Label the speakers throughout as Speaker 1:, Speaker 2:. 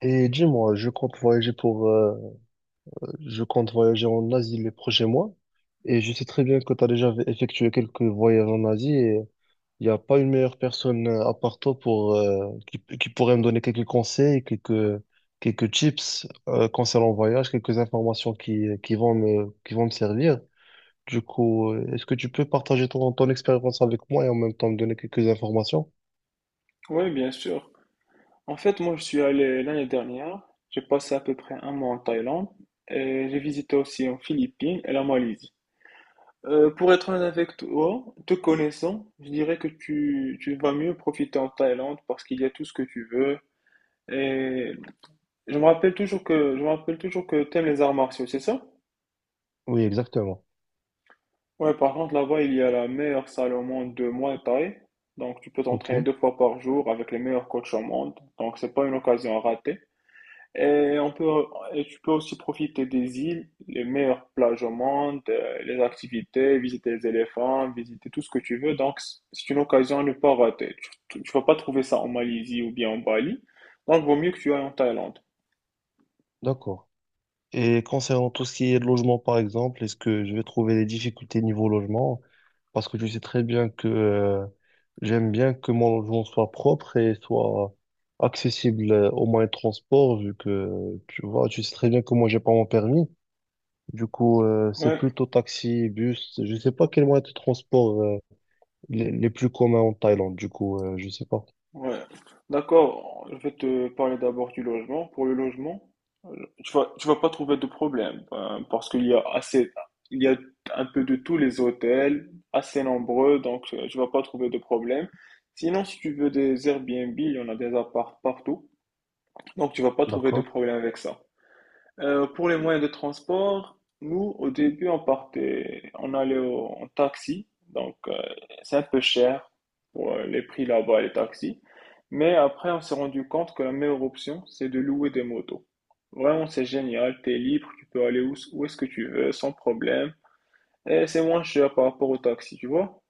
Speaker 1: Et dis-moi, je compte voyager pour, je compte voyager en Asie les prochains mois. Et je sais très bien que tu as déjà effectué quelques voyages en Asie, et il n'y a pas une meilleure personne à part toi pour, qui pourrait me donner quelques conseils, quelques tips, concernant le voyage, quelques informations qui vont me servir. Du coup, est-ce que tu peux partager ton expérience avec moi et en même temps me donner quelques informations?
Speaker 2: Oui, bien sûr. En fait, moi, je suis allé l'année dernière. J'ai passé à peu près un mois en Thaïlande et j'ai visité aussi en Philippines et la Malaisie. Pour être honnête avec toi, te connaissant, je dirais que tu vas mieux profiter en Thaïlande parce qu'il y a tout ce que tu veux. Et je me rappelle toujours que t'aimes les arts martiaux, c'est ça?
Speaker 1: Oui, exactement.
Speaker 2: Ouais, par contre, là-bas, il y a la meilleure salle au monde de Muay Thai. Donc, tu peux
Speaker 1: Ok,
Speaker 2: t'entraîner deux fois par jour avec les meilleurs coachs au monde. Donc, c'est pas une occasion à rater. Et on peut, et tu peux aussi profiter des îles, les meilleures plages au monde, les activités, visiter les éléphants, visiter tout ce que tu veux. Donc, c'est une occasion à ne pas rater. Tu vas pas trouver ça en Malaisie ou bien en Bali. Donc, vaut mieux que tu ailles en Thaïlande.
Speaker 1: d'accord. Et concernant tout ce qui est logement, par exemple, est-ce que je vais trouver des difficultés niveau logement? Parce que je sais très bien que j'aime bien que mon logement soit propre et soit accessible aux moyens de transport, vu que tu vois, tu sais très bien que moi, j'ai pas mon permis. Du coup, c'est
Speaker 2: Ouais.
Speaker 1: plutôt taxi, bus. Je sais pas quels moyens de transport les plus communs en Thaïlande. Du coup, je sais pas.
Speaker 2: Ouais, d'accord. Je vais te parler d'abord du logement. Pour le logement, euh, tu vas pas trouver de problème parce qu'il y a assez, il y a un peu de tous les hôtels, assez nombreux, donc tu vas pas trouver de problème. Sinon, si tu veux des Airbnb, il y en a des apparts partout, donc tu vas pas trouver de
Speaker 1: D'accord.
Speaker 2: problème avec ça. Pour les moyens de transport, nous, au début, on partait, on allait en taxi. Donc, c'est un peu cher pour les prix là-bas, les taxis. Mais après, on s'est rendu compte que la meilleure option, c'est de louer des motos. Vraiment, c'est génial. T'es libre, tu peux aller où, où est-ce que tu veux, sans problème. Et c'est moins cher par rapport au taxi, tu vois.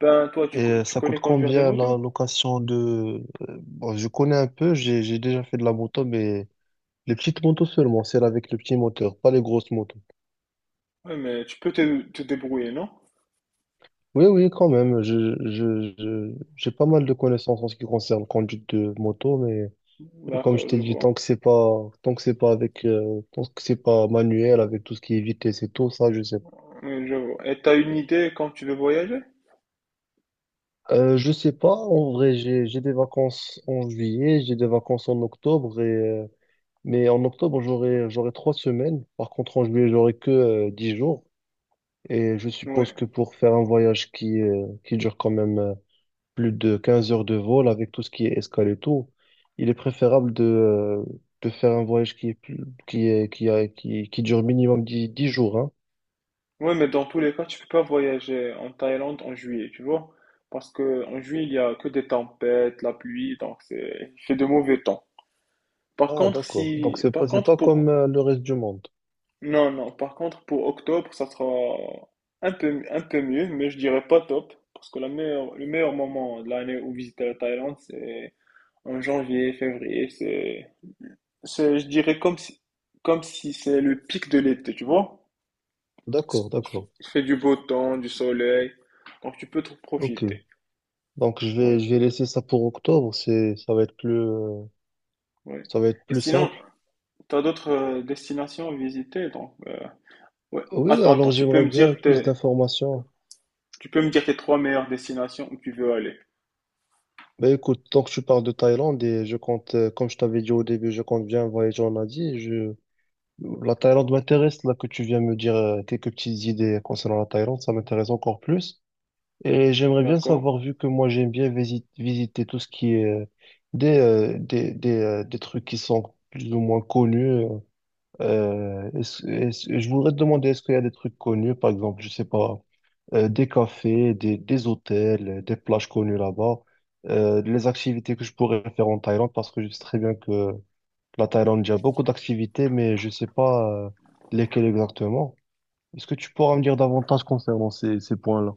Speaker 2: Ben, toi,
Speaker 1: Et
Speaker 2: tu
Speaker 1: ça
Speaker 2: connais
Speaker 1: coûte
Speaker 2: conduire des
Speaker 1: combien
Speaker 2: motos?
Speaker 1: la location de... bon, je connais un peu, j'ai déjà fait de la moto, mais les petites motos seulement, celles avec le petit moteur, pas les grosses motos.
Speaker 2: Oui, mais tu peux te débrouiller, non?
Speaker 1: Oui, oui, quand même. J'ai pas mal de connaissances en ce qui concerne la conduite de moto, mais comme je
Speaker 2: D'accord,
Speaker 1: t'ai
Speaker 2: je
Speaker 1: dit,
Speaker 2: vois.
Speaker 1: tant que c'est pas, tant que c'est pas avec, tant que c'est pas manuel, avec tout ce qui est vitesse et tout, ça, je sais pas.
Speaker 2: Oui, je vois. Et t'as une idée quand tu veux voyager?
Speaker 1: Je sais pas. En vrai, j'ai des vacances en juillet, j'ai des vacances en octobre et, mais en octobre, j'aurai trois semaines. Par contre, en juillet, j'aurai que, 10 jours. Et je suppose
Speaker 2: Ouais.
Speaker 1: que pour faire un voyage qui dure quand même plus de 15 heures de vol avec tout ce qui est escale et tout, il est préférable de faire un voyage qui est plus, qui dure minimum dix jours, hein.
Speaker 2: Ouais, mais dans tous les cas, tu peux pas voyager en Thaïlande en juillet, tu vois? Parce que en juillet, il y a que des tempêtes, la pluie, donc c'est, il fait de mauvais temps. Par
Speaker 1: Ah,
Speaker 2: contre,
Speaker 1: d'accord. Donc,
Speaker 2: si, par
Speaker 1: c'est
Speaker 2: contre,
Speaker 1: pas comme
Speaker 2: pour,
Speaker 1: le reste du monde.
Speaker 2: non, non, par contre, pour octobre, ça sera un peu mieux, mais je dirais pas top. Parce que le meilleur moment de l'année où visiter la Thaïlande, c'est en janvier, février. Je dirais comme si c'est le pic de l'été, tu vois? C'est-
Speaker 1: D'accord,
Speaker 2: Il fait
Speaker 1: d'accord.
Speaker 2: il fait du beau temps, du soleil, donc tu peux te
Speaker 1: Ok.
Speaker 2: profiter.
Speaker 1: Donc,
Speaker 2: Ouais,
Speaker 1: je vais laisser ça pour octobre. C'est, ça va être plus,
Speaker 2: ouais.
Speaker 1: ça va être
Speaker 2: Et
Speaker 1: plus
Speaker 2: sinon,
Speaker 1: simple.
Speaker 2: tu as d'autres destinations à visiter, donc ouais.
Speaker 1: Oui,
Speaker 2: Attends, attends,
Speaker 1: alors j'aimerais bien plus d'informations.
Speaker 2: tu peux me dire tes trois meilleures destinations où tu veux aller,
Speaker 1: Ben écoute, tant que tu parles de Thaïlande, et je compte, comme je t'avais dit au début, je compte bien voyager en Asie. Je, la Thaïlande m'intéresse, là que tu viens me dire quelques petites idées concernant la Thaïlande, ça m'intéresse encore plus. Et j'aimerais bien
Speaker 2: d'accord?
Speaker 1: savoir, vu que moi j'aime bien visiter tout ce qui est des trucs qui sont plus ou moins connus. Je voudrais te demander, est-ce qu'il y a des trucs connus, par exemple, je sais pas, des cafés, des hôtels, des plages connues là-bas, les activités que je pourrais faire en Thaïlande, parce que je sais très bien que la Thaïlande, il y a beaucoup d'activités, mais je sais pas lesquelles exactement. Est-ce que tu pourras me dire davantage concernant ces, ces points-là?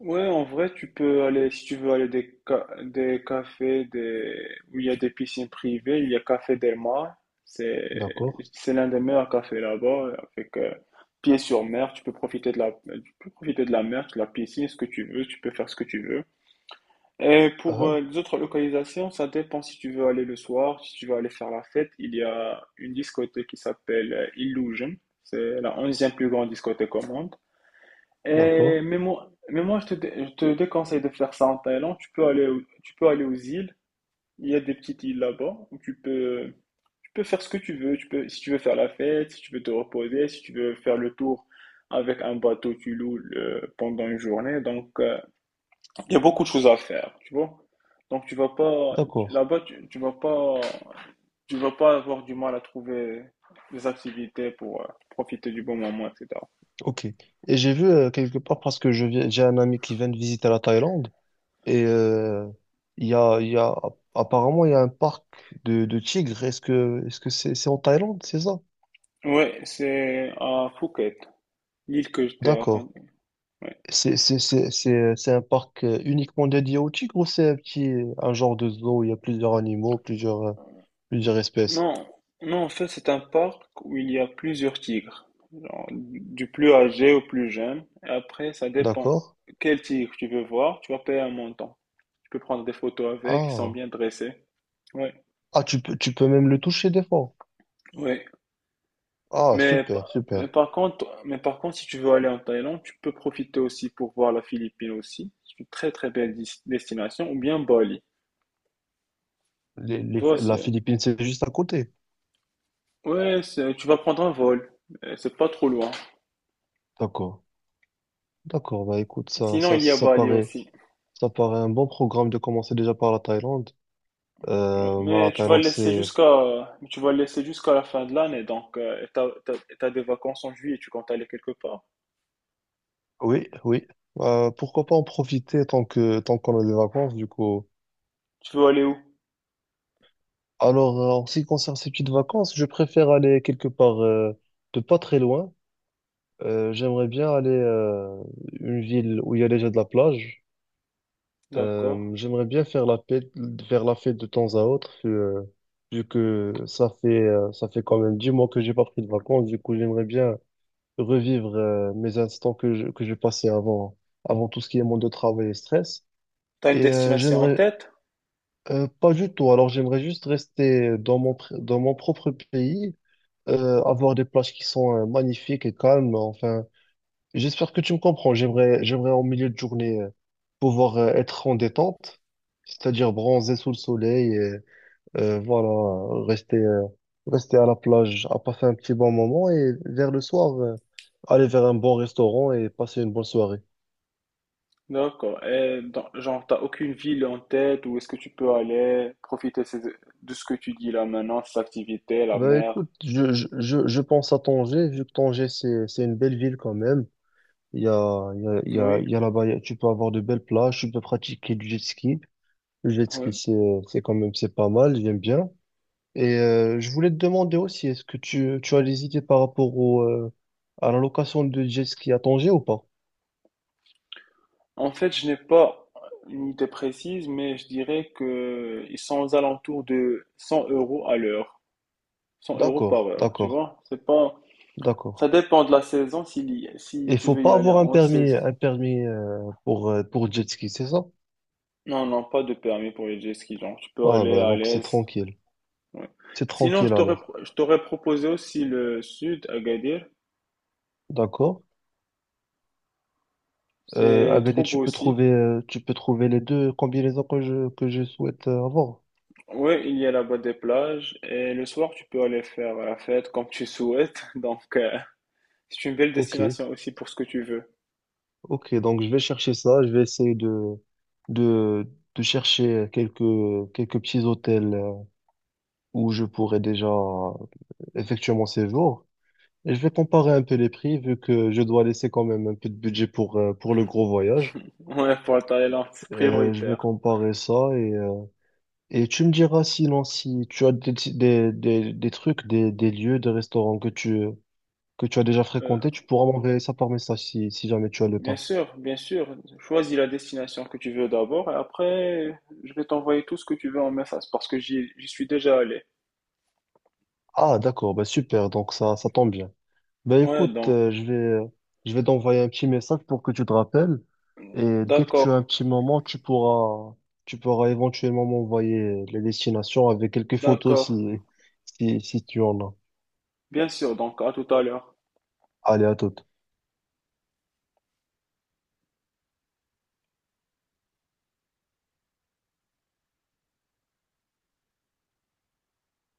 Speaker 2: Ouais, en vrai, si tu veux aller des cafés où il y a des piscines privées, il y a Café Del Mar. C'est,
Speaker 1: D'accord.
Speaker 2: c'est l'un des meilleurs cafés là-bas, avec pied sur mer. Tu peux profiter de la mer, de la piscine, ce que tu veux. Tu peux faire ce que tu veux. Et pour
Speaker 1: Ah,
Speaker 2: les autres localisations, ça dépend si tu veux aller le soir, si tu veux aller faire la fête. Il y a une discothèque qui s'appelle Illusion. C'est la 11e plus grande discothèque au monde. Et-
Speaker 1: d'accord.
Speaker 2: mais moi, mais moi je te déconseille de faire ça en Thaïlande. Tu peux aller aux îles. Il y a des petites îles là-bas où tu peux faire ce que tu veux. Tu peux, si tu veux faire la fête, si tu veux te reposer, si tu veux faire le tour avec un bateau, tu loues pendant une journée. Donc, il y a beaucoup de choses à faire, tu vois. Donc, tu vas pas,
Speaker 1: D'accord.
Speaker 2: là-bas, tu vas pas avoir du mal à trouver des activités pour profiter du bon moment, etc.
Speaker 1: Ok. Et j'ai vu quelque part, parce que je viens, j'ai un ami qui vient de visiter la Thaïlande, et il y a, il y a, apparemment, il y a un parc de tigres. Est-ce que c'est en Thaïlande, c'est ça?
Speaker 2: Ouais, c'est à Phuket. L'île que je t'ai
Speaker 1: D'accord.
Speaker 2: raconté. Ouais.
Speaker 1: C'est un parc uniquement dédié aux tigres, ou c'est un petit, un genre de zoo où il y a plusieurs animaux, plusieurs. Plusieurs espèces.
Speaker 2: Non, non, en fait, c'est un parc où il y a plusieurs tigres, genre, du plus âgé au plus jeune. Et après, ça dépend
Speaker 1: D'accord.
Speaker 2: quel tigre tu veux voir. Tu vas payer un montant. Tu peux prendre des photos avec, ils sont
Speaker 1: Ah.
Speaker 2: bien dressés. Ouais,
Speaker 1: Ah, tu peux même le toucher des fois.
Speaker 2: ouais.
Speaker 1: Ah,
Speaker 2: Mais,
Speaker 1: super,
Speaker 2: pa- mais
Speaker 1: super.
Speaker 2: par contre, mais par contre, si tu veux aller en Thaïlande, tu peux profiter aussi pour voir la Philippine aussi. C'est une très très belle destination, ou bien Bali. Tu vois,
Speaker 1: La Philippine, c'est juste à côté.
Speaker 2: ouais, tu vas prendre un vol. C'est pas trop loin.
Speaker 1: D'accord. D'accord. Bah, écoute,
Speaker 2: Sinon, il y a Bali aussi.
Speaker 1: ça paraît un bon programme de commencer déjà par la Thaïlande.
Speaker 2: Ouais,
Speaker 1: Moi, la Thaïlande, c'est,
Speaker 2: mais tu vas le laisser jusqu'à la fin de l'année, donc et t'as des vacances en juillet, tu comptes aller quelque part.
Speaker 1: oui, oui. Pourquoi pas en profiter tant que, tant qu'on a des vacances, du coup.
Speaker 2: Tu veux aller où?
Speaker 1: Alors, en ce qui concerne ces petites vacances, je préfère aller quelque part, de pas très loin. J'aimerais bien aller, une ville où il y a déjà de la plage.
Speaker 2: D'accord.
Speaker 1: J'aimerais bien faire la fête de temps à autre, vu, vu que ça fait quand même 10 mois que j'ai pas pris de vacances. Du coup, j'aimerais bien revivre, mes instants que je passais avant, avant tout ce qui est monde de travail et stress.
Speaker 2: T'as une
Speaker 1: Et,
Speaker 2: destination en
Speaker 1: j'aimerais,
Speaker 2: tête?
Speaker 1: pas du tout. Alors, j'aimerais juste rester dans mon, dans mon propre pays, avoir des plages qui sont, magnifiques et calmes. Enfin, j'espère que tu me comprends. J'aimerais, j'aimerais en milieu de journée pouvoir être en détente, c'est-à-dire bronzer sous le soleil et voilà, rester, rester à la plage, à passer un petit bon moment, et vers le soir, aller vers un bon restaurant et passer une bonne soirée.
Speaker 2: D'accord. Genre, t'as aucune ville en tête où est-ce que tu peux aller profiter de ce que tu dis là maintenant, cette activité, la
Speaker 1: Bah
Speaker 2: mer?
Speaker 1: écoute, je, je pense à Tanger, vu que Tanger c'est une belle ville quand même. Il y a, il y a, il y a,
Speaker 2: Oui,
Speaker 1: il y a là-bas, tu peux avoir de belles plages, tu peux pratiquer du jet ski. Le jet ski
Speaker 2: oui.
Speaker 1: c'est quand même, c'est pas mal, j'aime bien. Et je voulais te demander aussi, est-ce que tu as des idées par rapport au, à la location de jet ski à Tanger ou pas?
Speaker 2: En fait, je n'ai pas une idée précise, mais je dirais que ils sont aux alentours de 100 euros à l'heure, 100 euros par
Speaker 1: D'accord,
Speaker 2: heure, tu
Speaker 1: d'accord,
Speaker 2: vois. C'est pas,
Speaker 1: d'accord.
Speaker 2: ça dépend de la saison, si
Speaker 1: Il
Speaker 2: tu
Speaker 1: faut
Speaker 2: veux y
Speaker 1: pas
Speaker 2: aller
Speaker 1: avoir
Speaker 2: en haute saison.
Speaker 1: un permis pour jet ski, c'est ça?
Speaker 2: Non, non, pas de permis pour les jet skis, genre, tu peux
Speaker 1: Ah
Speaker 2: aller
Speaker 1: bah
Speaker 2: à
Speaker 1: donc c'est
Speaker 2: l'aise.
Speaker 1: tranquille.
Speaker 2: Ouais.
Speaker 1: C'est
Speaker 2: Sinon,
Speaker 1: tranquille alors.
Speaker 2: je t'aurais proposé aussi le sud, Agadir.
Speaker 1: D'accord.
Speaker 2: C'est
Speaker 1: Agadir,
Speaker 2: trop beau aussi.
Speaker 1: tu peux trouver les deux combinaisons que je souhaite avoir.
Speaker 2: Oui, il y a là-bas des plages et le soir, tu peux aller faire la fête comme tu souhaites. Donc, c'est une belle
Speaker 1: Ok,
Speaker 2: destination aussi pour ce que tu veux.
Speaker 1: ok. Donc je vais chercher ça. Je vais essayer de, de chercher quelques, quelques petits hôtels où je pourrais déjà effectuer mon séjour. Et je vais comparer un peu les prix, vu que je dois laisser quand même un peu de budget pour le gros voyage.
Speaker 2: Ouais, pour la Thaïlande, c'est
Speaker 1: Je vais
Speaker 2: prioritaire.
Speaker 1: comparer ça et tu me diras sinon si tu as des trucs, des lieux, des restaurants que tu as déjà
Speaker 2: Euh,
Speaker 1: fréquentés, tu pourras m'envoyer ça par message si, si jamais tu as le
Speaker 2: Bien
Speaker 1: temps.
Speaker 2: sûr, bien sûr. Choisis la destination que tu veux d'abord et après, je vais t'envoyer tout ce que tu veux en message parce que j'y suis déjà allé.
Speaker 1: Ah, d'accord, bah super, donc ça tombe bien. Ben
Speaker 2: Ouais,
Speaker 1: écoute,
Speaker 2: donc,
Speaker 1: je vais t'envoyer un petit message pour que tu te rappelles. Et dès que tu
Speaker 2: d'accord,
Speaker 1: as un petit moment, tu pourras éventuellement m'envoyer les destinations avec quelques photos
Speaker 2: d'accord.
Speaker 1: si, si, si tu en as.
Speaker 2: Bien sûr, donc à tout à l'heure.
Speaker 1: Allez, à toute.